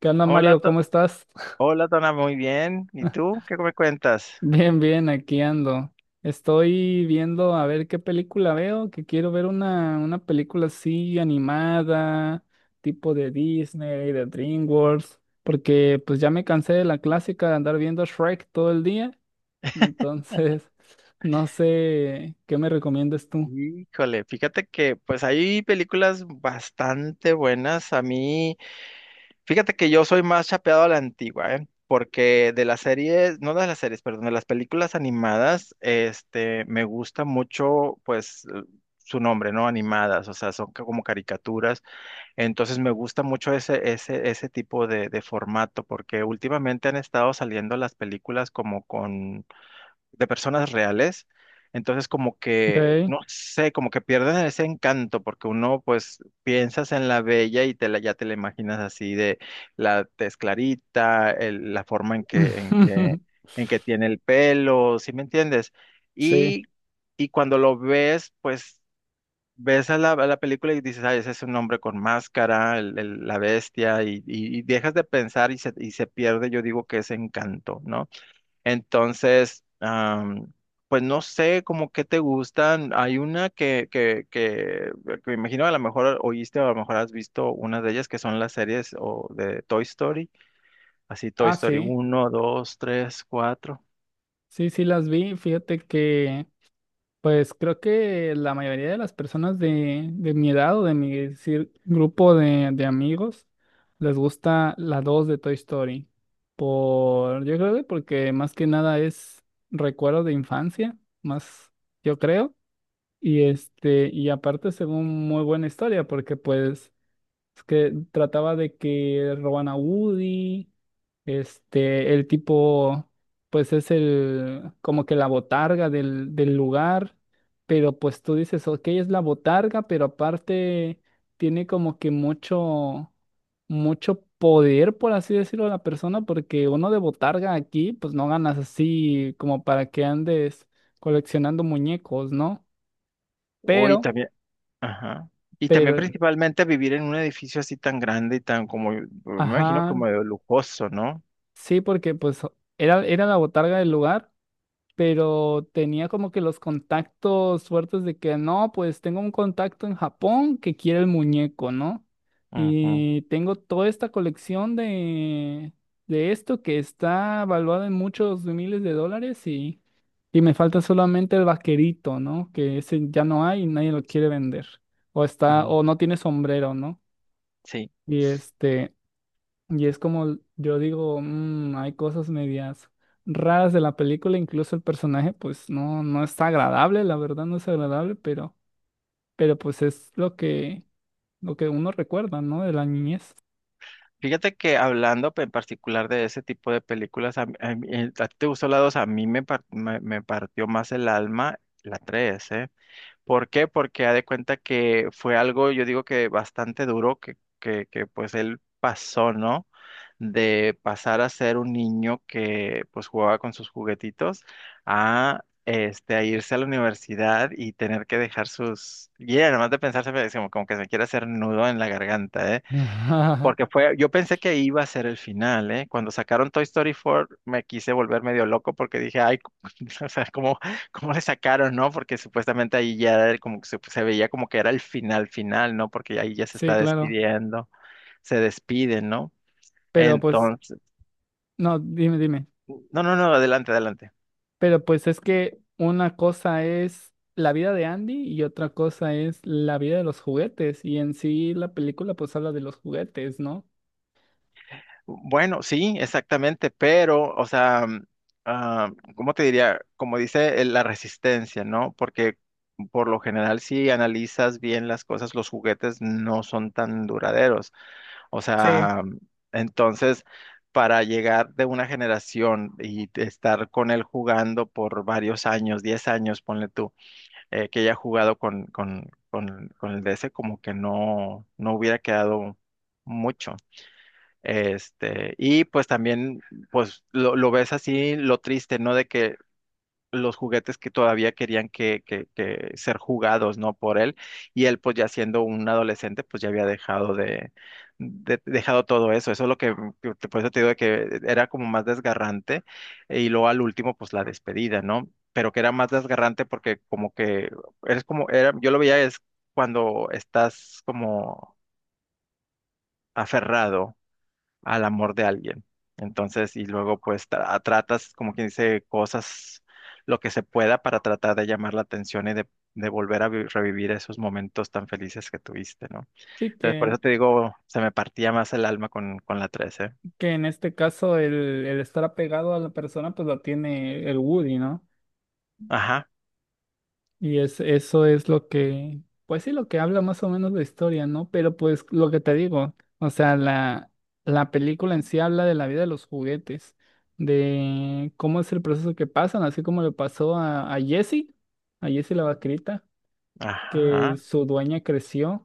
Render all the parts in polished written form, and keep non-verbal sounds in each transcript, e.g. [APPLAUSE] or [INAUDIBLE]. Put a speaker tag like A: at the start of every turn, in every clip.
A: ¿Qué onda,
B: Hola,
A: Mario?
B: To-
A: ¿Cómo estás? [LAUGHS]
B: hola, Tona, muy bien. ¿Y tú qué me cuentas?
A: Bien, bien, aquí ando. Estoy viendo a ver qué película veo, que quiero ver una película así animada, tipo de Disney, de DreamWorks, porque pues ya me cansé de la clásica de andar viendo Shrek todo el día.
B: [LAUGHS]
A: Entonces, [LAUGHS] no sé qué me recomiendas tú.
B: Híjole, fíjate que pues hay películas bastante buenas. A mí, fíjate que yo soy más chapeado a la antigua, ¿eh? Porque de las series, no de las series, perdón, de las películas animadas, este, me gusta mucho, pues, su nombre, ¿no? Animadas, o sea, son como caricaturas. Entonces me gusta mucho ese tipo de formato, porque últimamente han estado saliendo las películas como con de personas reales. Entonces, como que,
A: Ok.
B: no sé, como que pierden ese encanto, porque uno, pues, piensas en la bella y ya te la imaginas así de la tez clarita, la forma en que,
A: [LAUGHS]
B: en que tiene el pelo, ¿sí me entiendes?
A: Sí.
B: Y, y cuando lo ves, pues, ves a la película y dices, ay, ese es un hombre con máscara, la bestia, y dejas de pensar y se pierde, yo digo que ese encanto, ¿no? Entonces, pues no sé como qué te gustan. Hay una que me imagino a lo mejor oíste o a lo mejor has visto una de ellas que son las series o de Toy Story, así Toy
A: Ah,
B: Story
A: sí.
B: uno, dos, tres, cuatro.
A: Sí, sí las vi. Fíjate que pues creo que la mayoría de las personas de mi edad o de mi grupo de amigos les gusta la 2 de Toy Story. Por, yo creo que porque más que nada es recuerdo de infancia, más yo creo. Y este, y aparte según muy buena historia, porque pues es que trataba de que roban a Woody, este, el tipo, pues es el, como que la botarga del lugar, pero pues tú dices, ok, es la botarga, pero aparte tiene como que mucho, mucho poder, por así decirlo, la persona, porque uno de botarga aquí, pues no ganas así como para que andes coleccionando muñecos, ¿no?
B: Hoy
A: Pero,
B: también, ajá. Y también
A: pero,
B: principalmente vivir en un edificio así tan grande y tan como, me imagino
A: ajá.
B: como de lujoso, ¿no?
A: Sí, porque pues era la botarga del lugar, pero tenía como que los contactos fuertes de que no, pues tengo un contacto en Japón que quiere el muñeco, ¿no?
B: Ujú,
A: Y tengo toda esta colección de esto, que está valuada en muchos miles de dólares, y me falta solamente el vaquerito, ¿no? Que ese ya no hay y nadie lo quiere vender. O está,
B: ujú,
A: o no tiene sombrero, ¿no?
B: sí.
A: Y este. Y es como yo digo, "Mm, hay cosas medias raras de la película, incluso el personaje pues no, no está agradable, la verdad no es agradable, pero, pues es lo que uno recuerda, ¿no? De la niñez."
B: Fíjate que hablando en particular de ese tipo de películas, a ti te gustó la 2, a mí me partió más el alma la 3, ¿eh? ¿Por qué? Porque ha de cuenta que fue algo, yo digo que bastante duro que pues él pasó, ¿no? De pasar a ser un niño que pues jugaba con sus juguetitos a irse a la universidad y tener que dejar sus. Y además de pensarse, como que se me quiere hacer nudo en la garganta, ¿eh?
A: [LAUGHS]
B: Porque fue, yo pensé que iba a ser el final, ¿eh? Cuando sacaron Toy Story 4 me quise volver medio loco porque dije, ay, [LAUGHS] o sea, ¿cómo le sacaron, no? Porque supuestamente ahí ya era como que se veía como que era el final final, ¿no? Porque ahí ya se
A: Sí,
B: está
A: claro.
B: despidiendo, se despiden, ¿no?
A: Pero pues,
B: Entonces,
A: no, dime, dime.
B: no, no, no, adelante, adelante.
A: Pero pues es que una cosa es la vida de Andy y otra cosa es la vida de los juguetes. Y en sí la película pues habla de los juguetes, ¿no?
B: Bueno, sí, exactamente, pero, o sea, ah, ¿cómo te diría? Como dice la resistencia, ¿no? Porque por lo general, si analizas bien las cosas, los juguetes no son tan duraderos. O
A: Sí.
B: sea, entonces, para llegar de una generación y de estar con él jugando por varios años, 10 años, ponle tú, que haya jugado con el DS, como que no hubiera quedado mucho. Este, y pues también, pues lo ves así, lo triste, ¿no? De que los juguetes que todavía querían que ser jugados, ¿no? Por él, y él pues ya siendo un adolescente, pues ya había dejado de, dejado todo eso, eso es lo que te- por eso te digo de que era como más desgarrante, y luego al último, pues la despedida, ¿no? Pero que era más desgarrante porque como que, eres como, era, yo lo veía es cuando estás como aferrado al amor de alguien. Entonces, y luego pues tratas, como quien dice, cosas, lo que se pueda para tratar de llamar la atención y de volver a revivir esos momentos tan felices que tuviste, ¿no?
A: Sí,
B: Entonces, por
A: que
B: eso te digo, se me partía más el alma con la 13.
A: que en este caso el estar apegado a la persona pues lo tiene el Woody, ¿no?
B: Ajá,
A: Y eso es lo que, pues sí, lo que habla más o menos la historia, ¿no? Pero pues lo que te digo, o sea, la película en sí habla de la vida de los juguetes, de cómo es el proceso que pasan, así como le pasó a Jessie, a Jessie la vaquerita, que
B: ajá.
A: su dueña creció.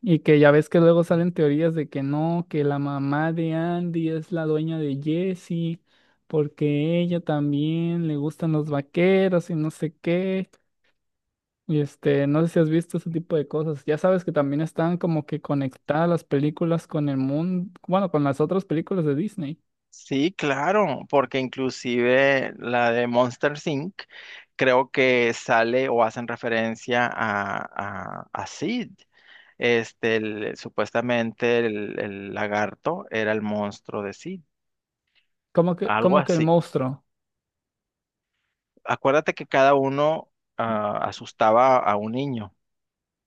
A: Y que ya ves que luego salen teorías de que no, que la mamá de Andy es la dueña de Jesse, porque ella también le gustan los vaqueros y no sé qué. Y este, no sé si has visto ese tipo de cosas. Ya sabes que también están como que conectadas las películas con el mundo, bueno, con las otras películas de Disney.
B: Sí, claro, porque inclusive la de Monster Inc. creo que sale o hacen referencia a Sid. Este, supuestamente el lagarto era el monstruo de Sid,
A: Como que,
B: algo
A: como que el
B: así.
A: monstruo.
B: Acuérdate que cada uno asustaba a un niño.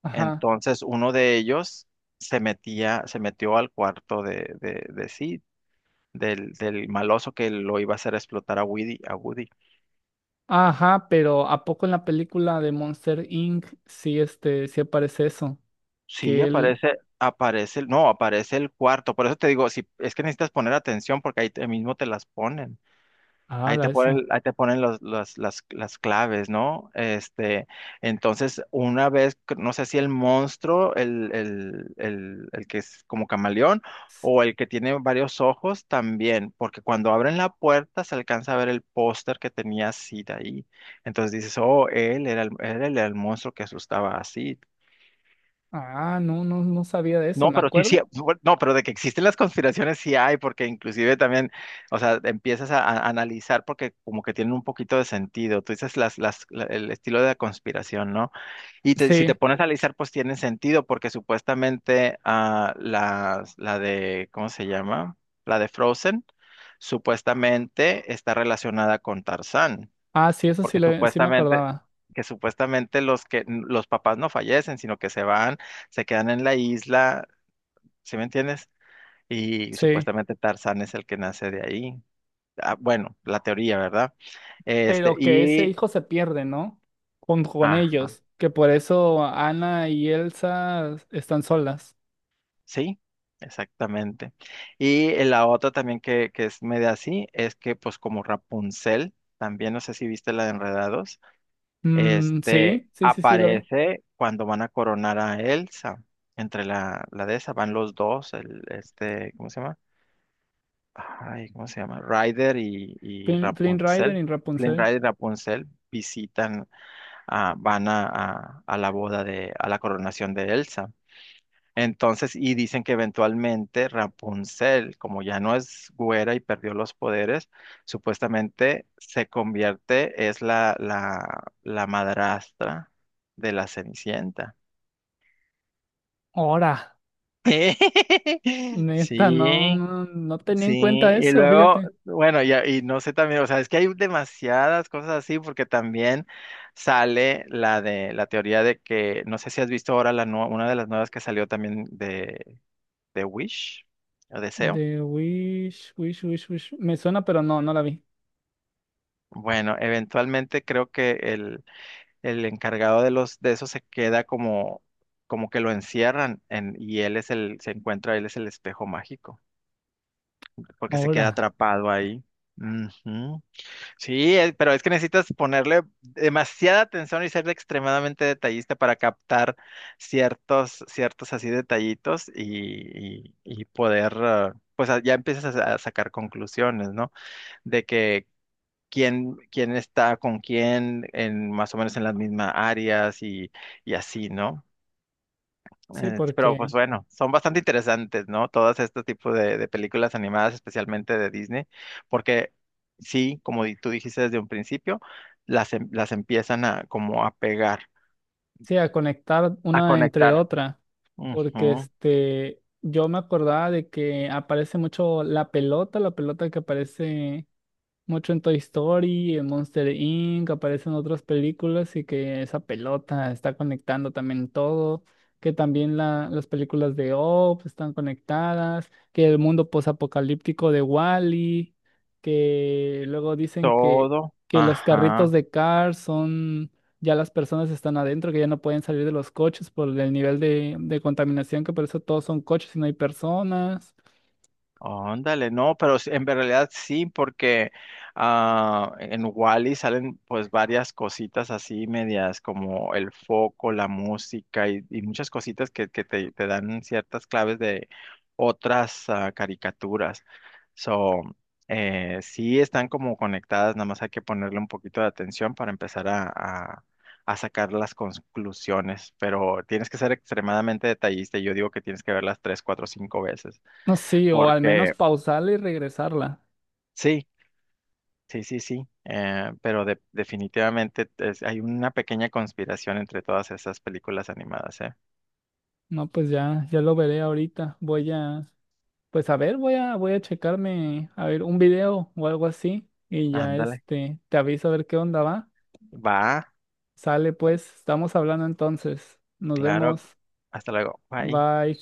A: Ajá.
B: Entonces uno de ellos se metía, se metió al cuarto de Sid, del maloso que lo iba a hacer explotar a Woody.
A: Ajá, pero ¿a poco en la película de Monster Inc. sí este, sí aparece eso?
B: Sí,
A: Que él.
B: aparece, aparece, no, aparece el cuarto. Por eso te digo, si es que necesitas poner atención porque ahí mismo te las ponen.
A: Ah,
B: Ahí te
A: la eso.
B: ponen, ahí te ponen las claves, ¿no? Este, entonces, una vez, no sé si el monstruo, el que es como camaleón, o el que tiene varios ojos también, porque cuando abren la puerta se alcanza a ver el póster que tenía Sid ahí. Entonces dices, oh, él era el monstruo que asustaba así.
A: Ah, no, no, no sabía de eso,
B: No,
A: ¿me
B: pero sí, sí,
A: acuerdo?
B: no, pero de que existen las conspiraciones sí hay, porque inclusive también, o sea, empiezas a analizar porque como que tienen un poquito de sentido. Tú dices el estilo de la conspiración, ¿no? Si te
A: Sí.
B: pones a analizar, pues tiene sentido, porque supuestamente la de, ¿cómo se llama? La de Frozen, supuestamente está relacionada con Tarzán,
A: Ah, sí, eso sí,
B: porque
A: sí me
B: supuestamente,
A: acordaba.
B: que supuestamente los que los papás no fallecen, sino que se van, se quedan en la isla. ¿Sí me entiendes? Y
A: Sí.
B: supuestamente Tarzán es el que nace de ahí. Ah, bueno, la teoría, ¿verdad? Este,
A: Pero que ese
B: y,
A: hijo se pierde, ¿no? Con
B: ajá,
A: ellos. Que por eso Ana y Elsa están solas.
B: sí, exactamente. Y la otra también que es media así es que, pues, como Rapunzel, también no sé si viste la de Enredados,
A: Mm,
B: este,
A: sí, sí, sí, sí, lo vi.
B: aparece cuando van a coronar a Elsa. Entre la de esa van los dos, el, este, ¿cómo se llama? Ay, ¿cómo se llama? Ryder y
A: Flynn Rider
B: Rapunzel,
A: y
B: Flynn
A: Rapunzel.
B: Rider y Rapunzel visitan, van a la boda de, a la coronación de Elsa. Entonces, y dicen que eventualmente Rapunzel, como ya no es güera y perdió los poderes, supuestamente se convierte, es la madrastra de la Cenicienta.
A: Ahora,
B: [LAUGHS]
A: neta, no,
B: Sí,
A: no, no tenía
B: sí,
A: en cuenta
B: y
A: eso,
B: luego,
A: fíjate.
B: bueno, ya, y no sé también, o sea, es que hay demasiadas cosas así, porque también sale la de la teoría de que, no sé si has visto ahora una de las nuevas que salió también de Wish, o Deseo.
A: The Wish. Me suena, pero no, no la vi.
B: Bueno, eventualmente creo que el encargado de los, de eso se queda como que lo encierran en, y él es el espejo mágico, porque se queda
A: Ahora.
B: atrapado ahí. Ujú. Sí, pero es que necesitas ponerle demasiada atención y ser extremadamente detallista para captar ciertos así detallitos y poder, pues ya empiezas a sacar conclusiones, ¿no? De que quién está con quién en más o menos en las mismas áreas y así, ¿no?
A: Sí,
B: Sí, pero pues bueno, son bastante interesantes, ¿no? Todos estos tipos de películas animadas, especialmente de Disney, porque sí, como tú dijiste desde un principio, las empiezan a como a pegar,
A: A conectar
B: a
A: una entre
B: conectar.
A: otra, porque
B: Ujú,
A: este, yo me acordaba de que aparece mucho la pelota que aparece mucho en Toy Story, en Monster Inc., aparecen otras películas y que esa pelota está conectando también todo, que también las películas de Up están conectadas, que el mundo posapocalíptico de Wall-E, que luego dicen que,
B: todo,
A: que los carritos
B: ajá.
A: de Cars son, ya las personas están adentro, que ya no pueden salir de los coches por el nivel de contaminación, que por eso todos son coches y no hay personas.
B: Óndale, no, pero en realidad sí, porque en Wally salen pues varias cositas así medias como el foco, la música y muchas cositas que te dan ciertas claves de otras caricaturas. So, sí están como conectadas, nada más hay que ponerle un poquito de atención para empezar a sacar las conclusiones, pero tienes que ser extremadamente detallista y yo digo que tienes que verlas tres, cuatro, cinco veces
A: No, sí, o al menos
B: porque
A: pausarla y regresarla.
B: sí, sí, sí, sí, pero definitivamente hay una pequeña conspiración entre todas esas películas animadas, ¿eh?
A: No, pues ya, ya lo veré ahorita. Pues a ver, voy a checarme, a ver, un video o algo así. Y ya
B: Ándale,
A: este, te aviso a ver qué onda va.
B: va,
A: Sale pues, estamos hablando entonces. Nos
B: claro,
A: vemos.
B: hasta luego, bye.
A: Bye.